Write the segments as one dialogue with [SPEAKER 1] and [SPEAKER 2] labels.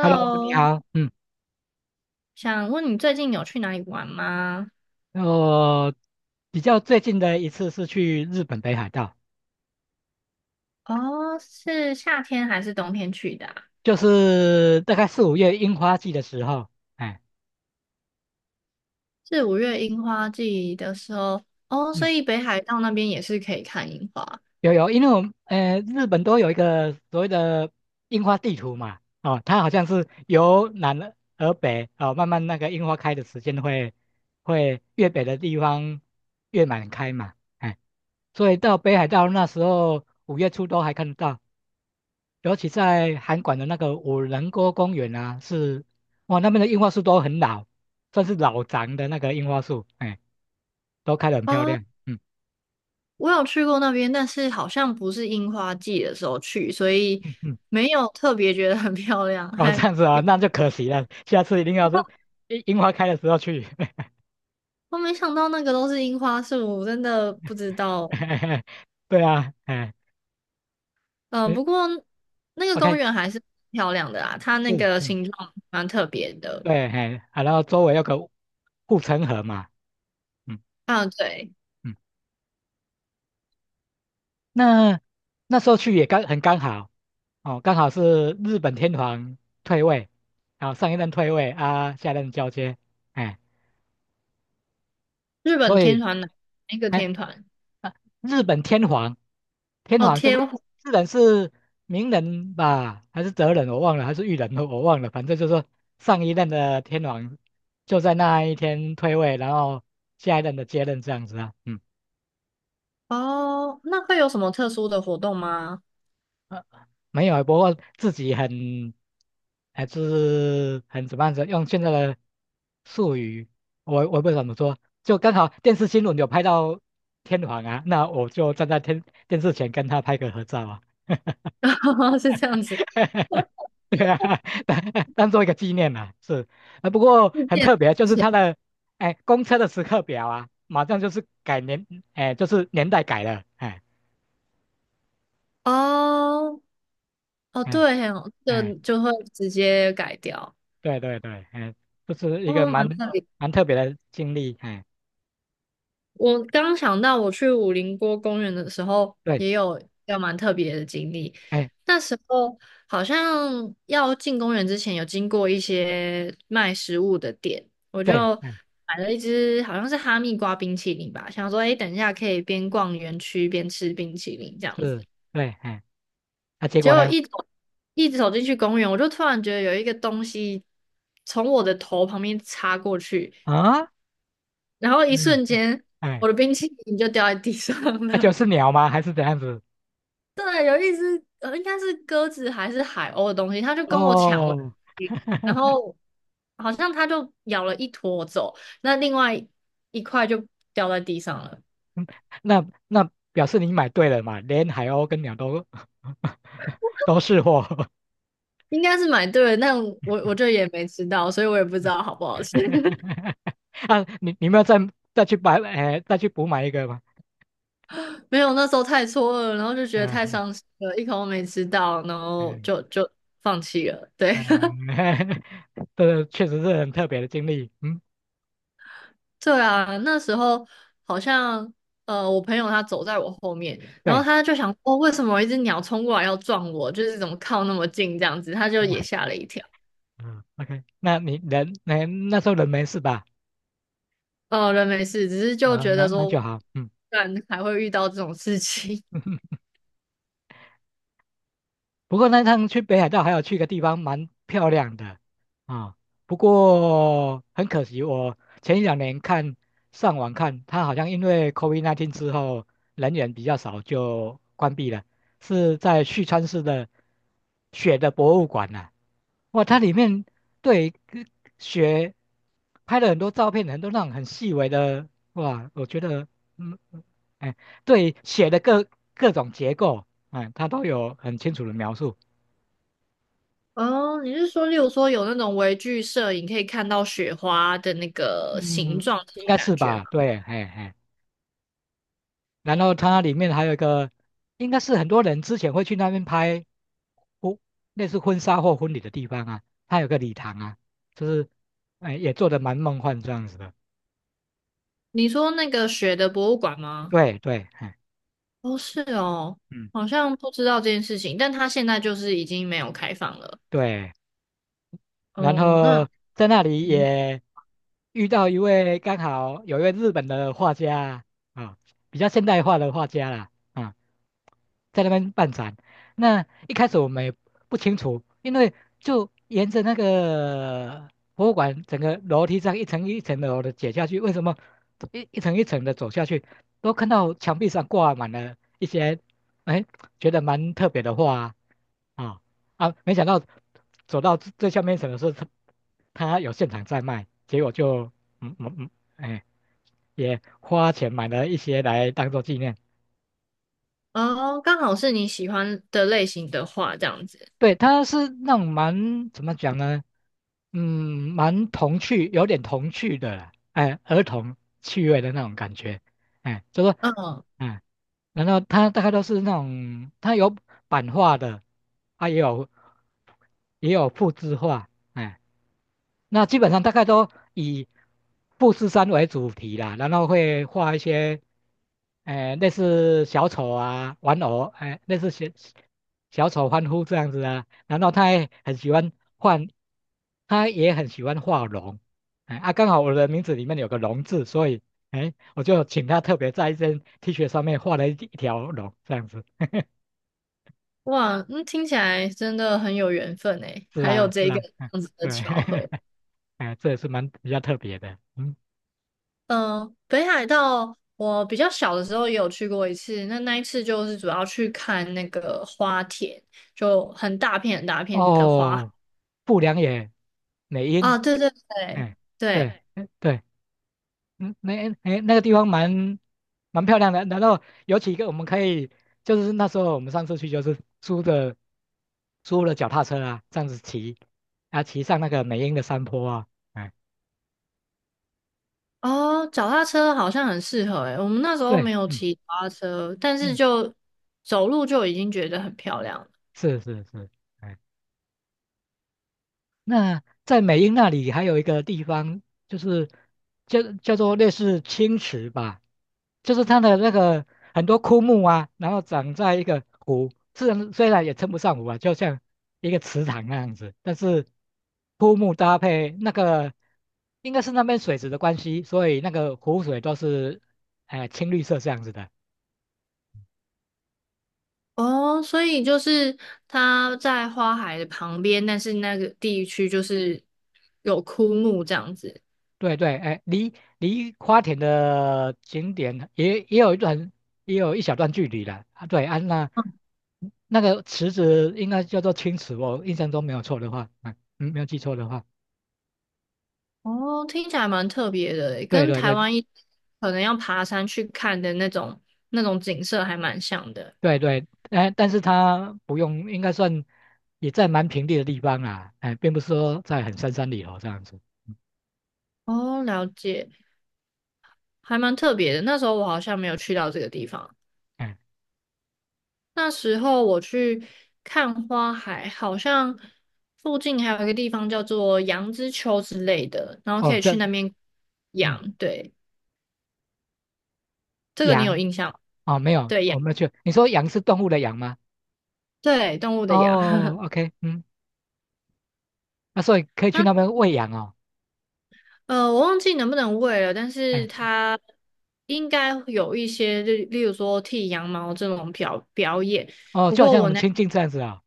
[SPEAKER 1] Hello，你 好，
[SPEAKER 2] 想问你最近有去哪里玩吗？
[SPEAKER 1] 我比较最近的一次是去日本北海道，
[SPEAKER 2] 哦，是夏天还是冬天去的啊。
[SPEAKER 1] 就是大概4、5月樱花季的时候，哎，
[SPEAKER 2] 是五月樱花季的时候。哦，所
[SPEAKER 1] 嗯，
[SPEAKER 2] 以北海道那边也是可以看樱花。
[SPEAKER 1] 有，因为我们日本都有一个所谓的樱花地图嘛，哦，它好像是由南而北，哦，慢慢那个樱花开的时间会越北的地方越满开嘛，哎，所以到北海道那时候5月初都还看得到，尤其在韩馆的那个五人锅公园啊，是哇，那边的樱花树都很老，算是老长的那个樱花树，哎，都开得很漂
[SPEAKER 2] 哦，
[SPEAKER 1] 亮。嗯
[SPEAKER 2] 我有去过那边，但是好像不是樱花季的时候去，所以
[SPEAKER 1] 嗯嗯，
[SPEAKER 2] 没有特别觉得很漂亮。
[SPEAKER 1] 哦，这
[SPEAKER 2] 还
[SPEAKER 1] 样子啊，
[SPEAKER 2] 有，
[SPEAKER 1] 那就可惜了，下次一定要是樱花开的时候去。
[SPEAKER 2] 我没想到那个都是樱花树，真的不知道。
[SPEAKER 1] 对啊，哎，
[SPEAKER 2] 嗯、
[SPEAKER 1] 嗯
[SPEAKER 2] 不过那个公
[SPEAKER 1] ，OK，
[SPEAKER 2] 园还是漂亮的啦，它那
[SPEAKER 1] 是，
[SPEAKER 2] 个
[SPEAKER 1] 嗯，
[SPEAKER 2] 形状蛮特别的。
[SPEAKER 1] 对，哎，啊，然后周围有个护城河嘛，嗯
[SPEAKER 2] 啊，对。
[SPEAKER 1] 嗯，那那时候去也很刚好，哦，刚好是日本天皇退位，啊，上一任退位啊，下一任交接，哎，
[SPEAKER 2] 日本
[SPEAKER 1] 所
[SPEAKER 2] 天
[SPEAKER 1] 以
[SPEAKER 2] 团哪一个
[SPEAKER 1] 哎，
[SPEAKER 2] 天团？
[SPEAKER 1] 啊，日本天皇，天
[SPEAKER 2] 哦，
[SPEAKER 1] 皇就是
[SPEAKER 2] 天火。
[SPEAKER 1] 日本是明仁吧，还是哲仁我忘了，还是裕仁我忘了，反正就是说上一任的天皇就在那一天退位，然后下一任的接任这样子啊，嗯。
[SPEAKER 2] 哦，那会有什么特殊的活动吗？
[SPEAKER 1] 没有，不过自己还是很怎么样子，用现在的术语，我不知道怎么说，就刚好电视新闻有拍到天皇啊，那我就站在电视前跟他拍个合照啊，
[SPEAKER 2] 是这样子，
[SPEAKER 1] 对啊，当当做一个纪念啦、啊，是，不过
[SPEAKER 2] 是这
[SPEAKER 1] 很
[SPEAKER 2] 样
[SPEAKER 1] 特别，
[SPEAKER 2] 子
[SPEAKER 1] 就是
[SPEAKER 2] 写
[SPEAKER 1] 他的哎公车的时刻表啊，马上就是改年，哎，就是年代改了，
[SPEAKER 2] 哦哦，
[SPEAKER 1] 哎
[SPEAKER 2] 对哦，这个
[SPEAKER 1] 哎。
[SPEAKER 2] 就会直接改掉。
[SPEAKER 1] 对对对，哎，这是一个
[SPEAKER 2] 哦，蛮
[SPEAKER 1] 蛮
[SPEAKER 2] 特别。
[SPEAKER 1] 蛮特别的经历，哎，
[SPEAKER 2] 我刚想到，我去武陵锅公园的时候，
[SPEAKER 1] 对，
[SPEAKER 2] 也有要蛮特别的经历。
[SPEAKER 1] 哎，
[SPEAKER 2] 那时候好像要进公园之前，有经过一些卖食物的店，我
[SPEAKER 1] 对，
[SPEAKER 2] 就
[SPEAKER 1] 哎，
[SPEAKER 2] 买了一只好像是哈密瓜冰淇淋吧，想说，哎，等一下可以边逛园区边吃冰淇淋这样子。
[SPEAKER 1] 是，对，哎，那、结
[SPEAKER 2] 结
[SPEAKER 1] 果
[SPEAKER 2] 果
[SPEAKER 1] 呢？
[SPEAKER 2] 一走进去公园，我就突然觉得有一个东西从我的头旁边插过去，
[SPEAKER 1] 啊，
[SPEAKER 2] 然后一
[SPEAKER 1] 嗯，
[SPEAKER 2] 瞬间，
[SPEAKER 1] 哎，
[SPEAKER 2] 我的冰淇淋就掉在地上
[SPEAKER 1] 那、就
[SPEAKER 2] 了。
[SPEAKER 1] 是鸟吗？还是怎样子？
[SPEAKER 2] 应该是鸽子还是海鸥的东西，他就跟我抢我的东
[SPEAKER 1] 哦，
[SPEAKER 2] 西。 然后好像他就咬了一坨走，那另外一块就掉在地上了。
[SPEAKER 1] 那表示你买对了嘛，连海鸥跟鸟都 都是货。
[SPEAKER 2] 应该是买对了，但我就也没吃到，所以我也不知道好不好吃。
[SPEAKER 1] 啊，你们要再去买，哎，再去补买一个吗？
[SPEAKER 2] 没有，那时候太错愕了，然后就觉得太
[SPEAKER 1] 嗯
[SPEAKER 2] 伤心了，一口都没吃到，然后
[SPEAKER 1] 嗯
[SPEAKER 2] 就放弃了。对，
[SPEAKER 1] 嗯，这确实是很特别的经历，嗯，
[SPEAKER 2] 对啊，那时候好像我朋友他走在我后面，然后
[SPEAKER 1] 对。
[SPEAKER 2] 他就想哦，为什么有一只鸟冲过来要撞我？就是怎么靠那么近这样子，他就也吓了一跳。
[SPEAKER 1] 嗯，OK，那时候人没事吧？
[SPEAKER 2] 哦，人没事，只是就
[SPEAKER 1] 啊，
[SPEAKER 2] 觉得
[SPEAKER 1] 那
[SPEAKER 2] 说，不
[SPEAKER 1] 就好，嗯。
[SPEAKER 2] 然还会遇到这种事情。
[SPEAKER 1] 不过那趟去北海道还有去个地方蛮漂亮的啊，不过很可惜，我前一两年上网看，它好像因为 COVID-19 之后人员比较少，就关闭了。是在旭川市的雪的博物馆呐、哇，它里面对跟雪拍了很多照片，很多那种很细微的，哇，我觉得嗯，嗯哎，对雪的各种结构。哎，他都有很清楚的描述，
[SPEAKER 2] 哦，你是说，例如说有那种微距摄影可以看到雪花的那个形
[SPEAKER 1] 嗯，
[SPEAKER 2] 状那
[SPEAKER 1] 应
[SPEAKER 2] 种
[SPEAKER 1] 该
[SPEAKER 2] 感
[SPEAKER 1] 是
[SPEAKER 2] 觉吗？
[SPEAKER 1] 吧？对，嘿嘿。然后它里面还有一个，应该是很多人之前会去那边拍婚，类似婚纱或婚礼的地方啊，它有个礼堂啊，就是，哎，也做的蛮梦幻这样子的。
[SPEAKER 2] 你说那个雪的博物馆吗？
[SPEAKER 1] 对对，嗯
[SPEAKER 2] 哦，是哦，
[SPEAKER 1] 嗯，
[SPEAKER 2] 好像不知道这件事情，但它现在就是已经没有开放了。
[SPEAKER 1] 对。然
[SPEAKER 2] 哦，那
[SPEAKER 1] 后在那里
[SPEAKER 2] 嗯，
[SPEAKER 1] 也遇到刚好有一位日本的画家啊，啊比较现代化的画家啦。啊。在那边办展。那一开始我们也不清楚，因为就沿着那个博物馆整个楼梯这样一层一层的楼的解下去，为什么一层一层的走下去，都看到墙壁上挂满了一些，哎，觉得蛮特别的画啊啊！没想到走到最下面一层的时候，它有现场在卖，结果就嗯嗯嗯，哎，也花钱买了一些来当做纪念。
[SPEAKER 2] 哦，刚好是你喜欢的类型的话，这样子。
[SPEAKER 1] 对，它是那种蛮怎么讲呢？嗯，蛮童趣，有点童趣的啦，哎，儿童趣味的那种感觉，哎，就说，
[SPEAKER 2] 嗯，
[SPEAKER 1] 哎，然后它大概都是那种，它有版画的，啊，也有复制画，哎。那基本上大概都以富士山为主题啦，然后会画一些，类似小丑啊、玩偶，哎、类似小丑欢呼这样子啊。然后他也很喜欢换，他也很喜欢画龙，哎、啊，刚好我的名字里面有个龙字，所以哎，我就请他特别在一件 T 恤上面画了一条龙这样子。
[SPEAKER 2] 哇，那听起来真的很有缘分诶，
[SPEAKER 1] 是
[SPEAKER 2] 还有
[SPEAKER 1] 啊，是
[SPEAKER 2] 这个
[SPEAKER 1] 啊，
[SPEAKER 2] 这
[SPEAKER 1] 嗯，
[SPEAKER 2] 样子的巧合。
[SPEAKER 1] 对，哎，这也是蛮比较特别的，嗯。
[SPEAKER 2] 嗯，北海道我比较小的时候也有去过一次，那一次就是主要去看那个花田，就很大片很大片的花。
[SPEAKER 1] 哦，不良野美瑛，
[SPEAKER 2] 啊，对对对
[SPEAKER 1] 哎，
[SPEAKER 2] 对，
[SPEAKER 1] 对，对，哎对对对嗯，那哎那个地方蛮漂亮的，然后有几个我们可以，就是那时候我们上次去就是租了脚踏车啊，这样子骑，啊骑上那个美瑛的山坡啊，哎，
[SPEAKER 2] 哦，脚踏车好像很适合诶，我们那时候
[SPEAKER 1] 对，
[SPEAKER 2] 没有
[SPEAKER 1] 嗯
[SPEAKER 2] 骑脚踏车，但是
[SPEAKER 1] 嗯，
[SPEAKER 2] 就走路就已经觉得很漂亮了。
[SPEAKER 1] 是是是，哎那在美英那里还有一个地方，就是叫做类似青池吧，就是它的那个很多枯木啊，然后长在一个湖，虽然也称不上湖啊，就像一个池塘那样子，但是枯木搭配那个应该是那边水质的关系，所以那个湖水都是哎、青绿色这样子的。
[SPEAKER 2] 哦，所以就是它在花海的旁边，但是那个地区就是有枯木这样子。
[SPEAKER 1] 对对，哎，离花田的景点也有一段，也有一小段距离了啊。对啊，那那个池子应该叫做青池，我印象中没有错的话，嗯嗯，没有记错的话，
[SPEAKER 2] 哦，听起来蛮特别的诶，
[SPEAKER 1] 对
[SPEAKER 2] 跟
[SPEAKER 1] 对
[SPEAKER 2] 台
[SPEAKER 1] 对
[SPEAKER 2] 湾可能要爬山去看的那种景色还蛮像的。
[SPEAKER 1] 对对，哎，但是它不用，应该算也在蛮平地的地方啦，哎，并不是说在很深山里头这样子，嗯，
[SPEAKER 2] 哦，了解，还蛮特别的。那时候我好像没有去到这个地方，
[SPEAKER 1] 哎，
[SPEAKER 2] 那时候我去看花海，好像附近还有一个地方叫做羊之丘之类的，然后可
[SPEAKER 1] 哦，
[SPEAKER 2] 以去
[SPEAKER 1] 这
[SPEAKER 2] 那边
[SPEAKER 1] 嗯，
[SPEAKER 2] 养，对。这个你有
[SPEAKER 1] 羊
[SPEAKER 2] 印象吗？
[SPEAKER 1] 哦，没有，
[SPEAKER 2] 对羊，
[SPEAKER 1] 我没有去，你说羊是动物的羊吗？
[SPEAKER 2] 对动物的羊，
[SPEAKER 1] 哦 ，OK，嗯，那所以可以去
[SPEAKER 2] 啊，
[SPEAKER 1] 那边喂羊哦。
[SPEAKER 2] 我忘记能不能喂了，但是
[SPEAKER 1] 哎，是
[SPEAKER 2] 它应该有一些，例如说剃羊毛这种表演。
[SPEAKER 1] 哦，
[SPEAKER 2] 不
[SPEAKER 1] 就好
[SPEAKER 2] 过
[SPEAKER 1] 像我们亲近这样子啊、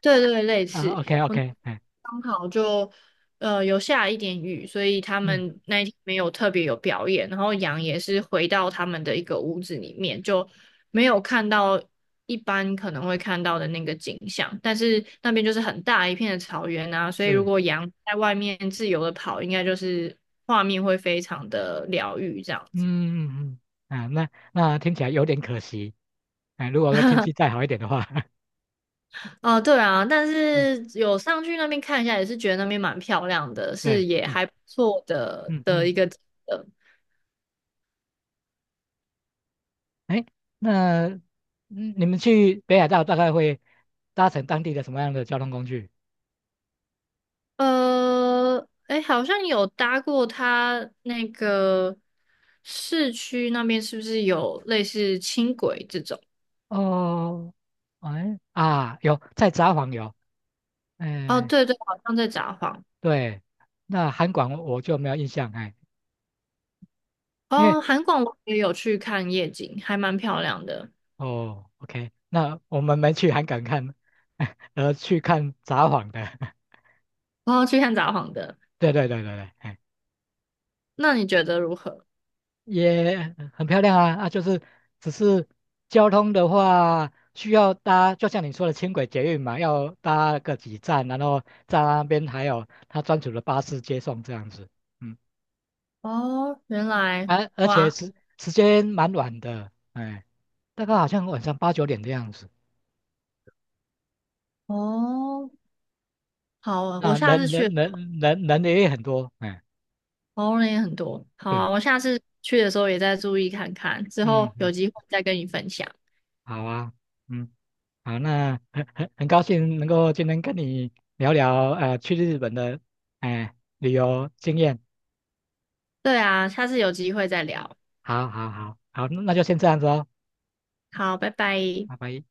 [SPEAKER 2] 对对，类似。
[SPEAKER 1] 啊，OK
[SPEAKER 2] 我
[SPEAKER 1] OK，哎，
[SPEAKER 2] 刚好就有下一点雨，所以他
[SPEAKER 1] 嗯，
[SPEAKER 2] 们那一天没有特别有表演。然后羊也是回到他们的一个屋子里面，就没有看到一般可能会看到的那个景象。但是那边就是很大一片的草原啊，所以如
[SPEAKER 1] 是，
[SPEAKER 2] 果羊在外面自由的跑，应该就是画面会非常的疗愈这样。
[SPEAKER 1] 嗯嗯嗯，啊，那听起来有点可惜，哎，如果说天气再好一点的话，
[SPEAKER 2] 哦，对啊，但
[SPEAKER 1] 嗯，
[SPEAKER 2] 是有上去那边看一下，也是觉得那边蛮漂亮的，是
[SPEAKER 1] 对，
[SPEAKER 2] 也
[SPEAKER 1] 嗯
[SPEAKER 2] 还不错的
[SPEAKER 1] 嗯
[SPEAKER 2] 的
[SPEAKER 1] 嗯，
[SPEAKER 2] 一个景色。
[SPEAKER 1] 哎，那你们去北海道大概会搭乘当地的什么样的交通工具？
[SPEAKER 2] 哎，好像有搭过它那个市区那边，是不是有类似轻轨这种？
[SPEAKER 1] 哦，哎啊，有在札幌有，
[SPEAKER 2] 哦，
[SPEAKER 1] 哎，
[SPEAKER 2] 对对，好像在札幌。
[SPEAKER 1] 对，那韩馆我就没有印象，哎。因为
[SPEAKER 2] 哦，韩广我也有去看夜景，还蛮漂亮的。
[SPEAKER 1] 哦，OK，那我们没去韩港看，而去看札幌的，
[SPEAKER 2] 哦，去看札幌的，
[SPEAKER 1] 对对对对对，哎，
[SPEAKER 2] 那你觉得如何？
[SPEAKER 1] 也很漂亮啊，就是只是交通的话，需要搭，就像你说的轻轨捷运嘛，要搭个几站，然后在那边还有他专属的巴士接送这样子，嗯，
[SPEAKER 2] 哦，原来，
[SPEAKER 1] 而且
[SPEAKER 2] 哇，
[SPEAKER 1] 时间蛮晚的，哎，大概好像晚上8、9点的样子，
[SPEAKER 2] 哦，好，我
[SPEAKER 1] 啊，
[SPEAKER 2] 下次
[SPEAKER 1] 人人
[SPEAKER 2] 去。
[SPEAKER 1] 人人人也很多，哎，
[SPEAKER 2] 哦，那也很多。好
[SPEAKER 1] 对，
[SPEAKER 2] 啊，我下次去的时候也再注意看看，之
[SPEAKER 1] 嗯
[SPEAKER 2] 后有
[SPEAKER 1] 嗯，
[SPEAKER 2] 机会再跟你分享。
[SPEAKER 1] 好啊。嗯。好，那很高兴能够今天跟你聊聊去日本的哎、旅游经验。
[SPEAKER 2] 对啊，下次有机会再聊。
[SPEAKER 1] 好好好好，那就先这样子哦，
[SPEAKER 2] 好，拜拜。
[SPEAKER 1] 拜拜。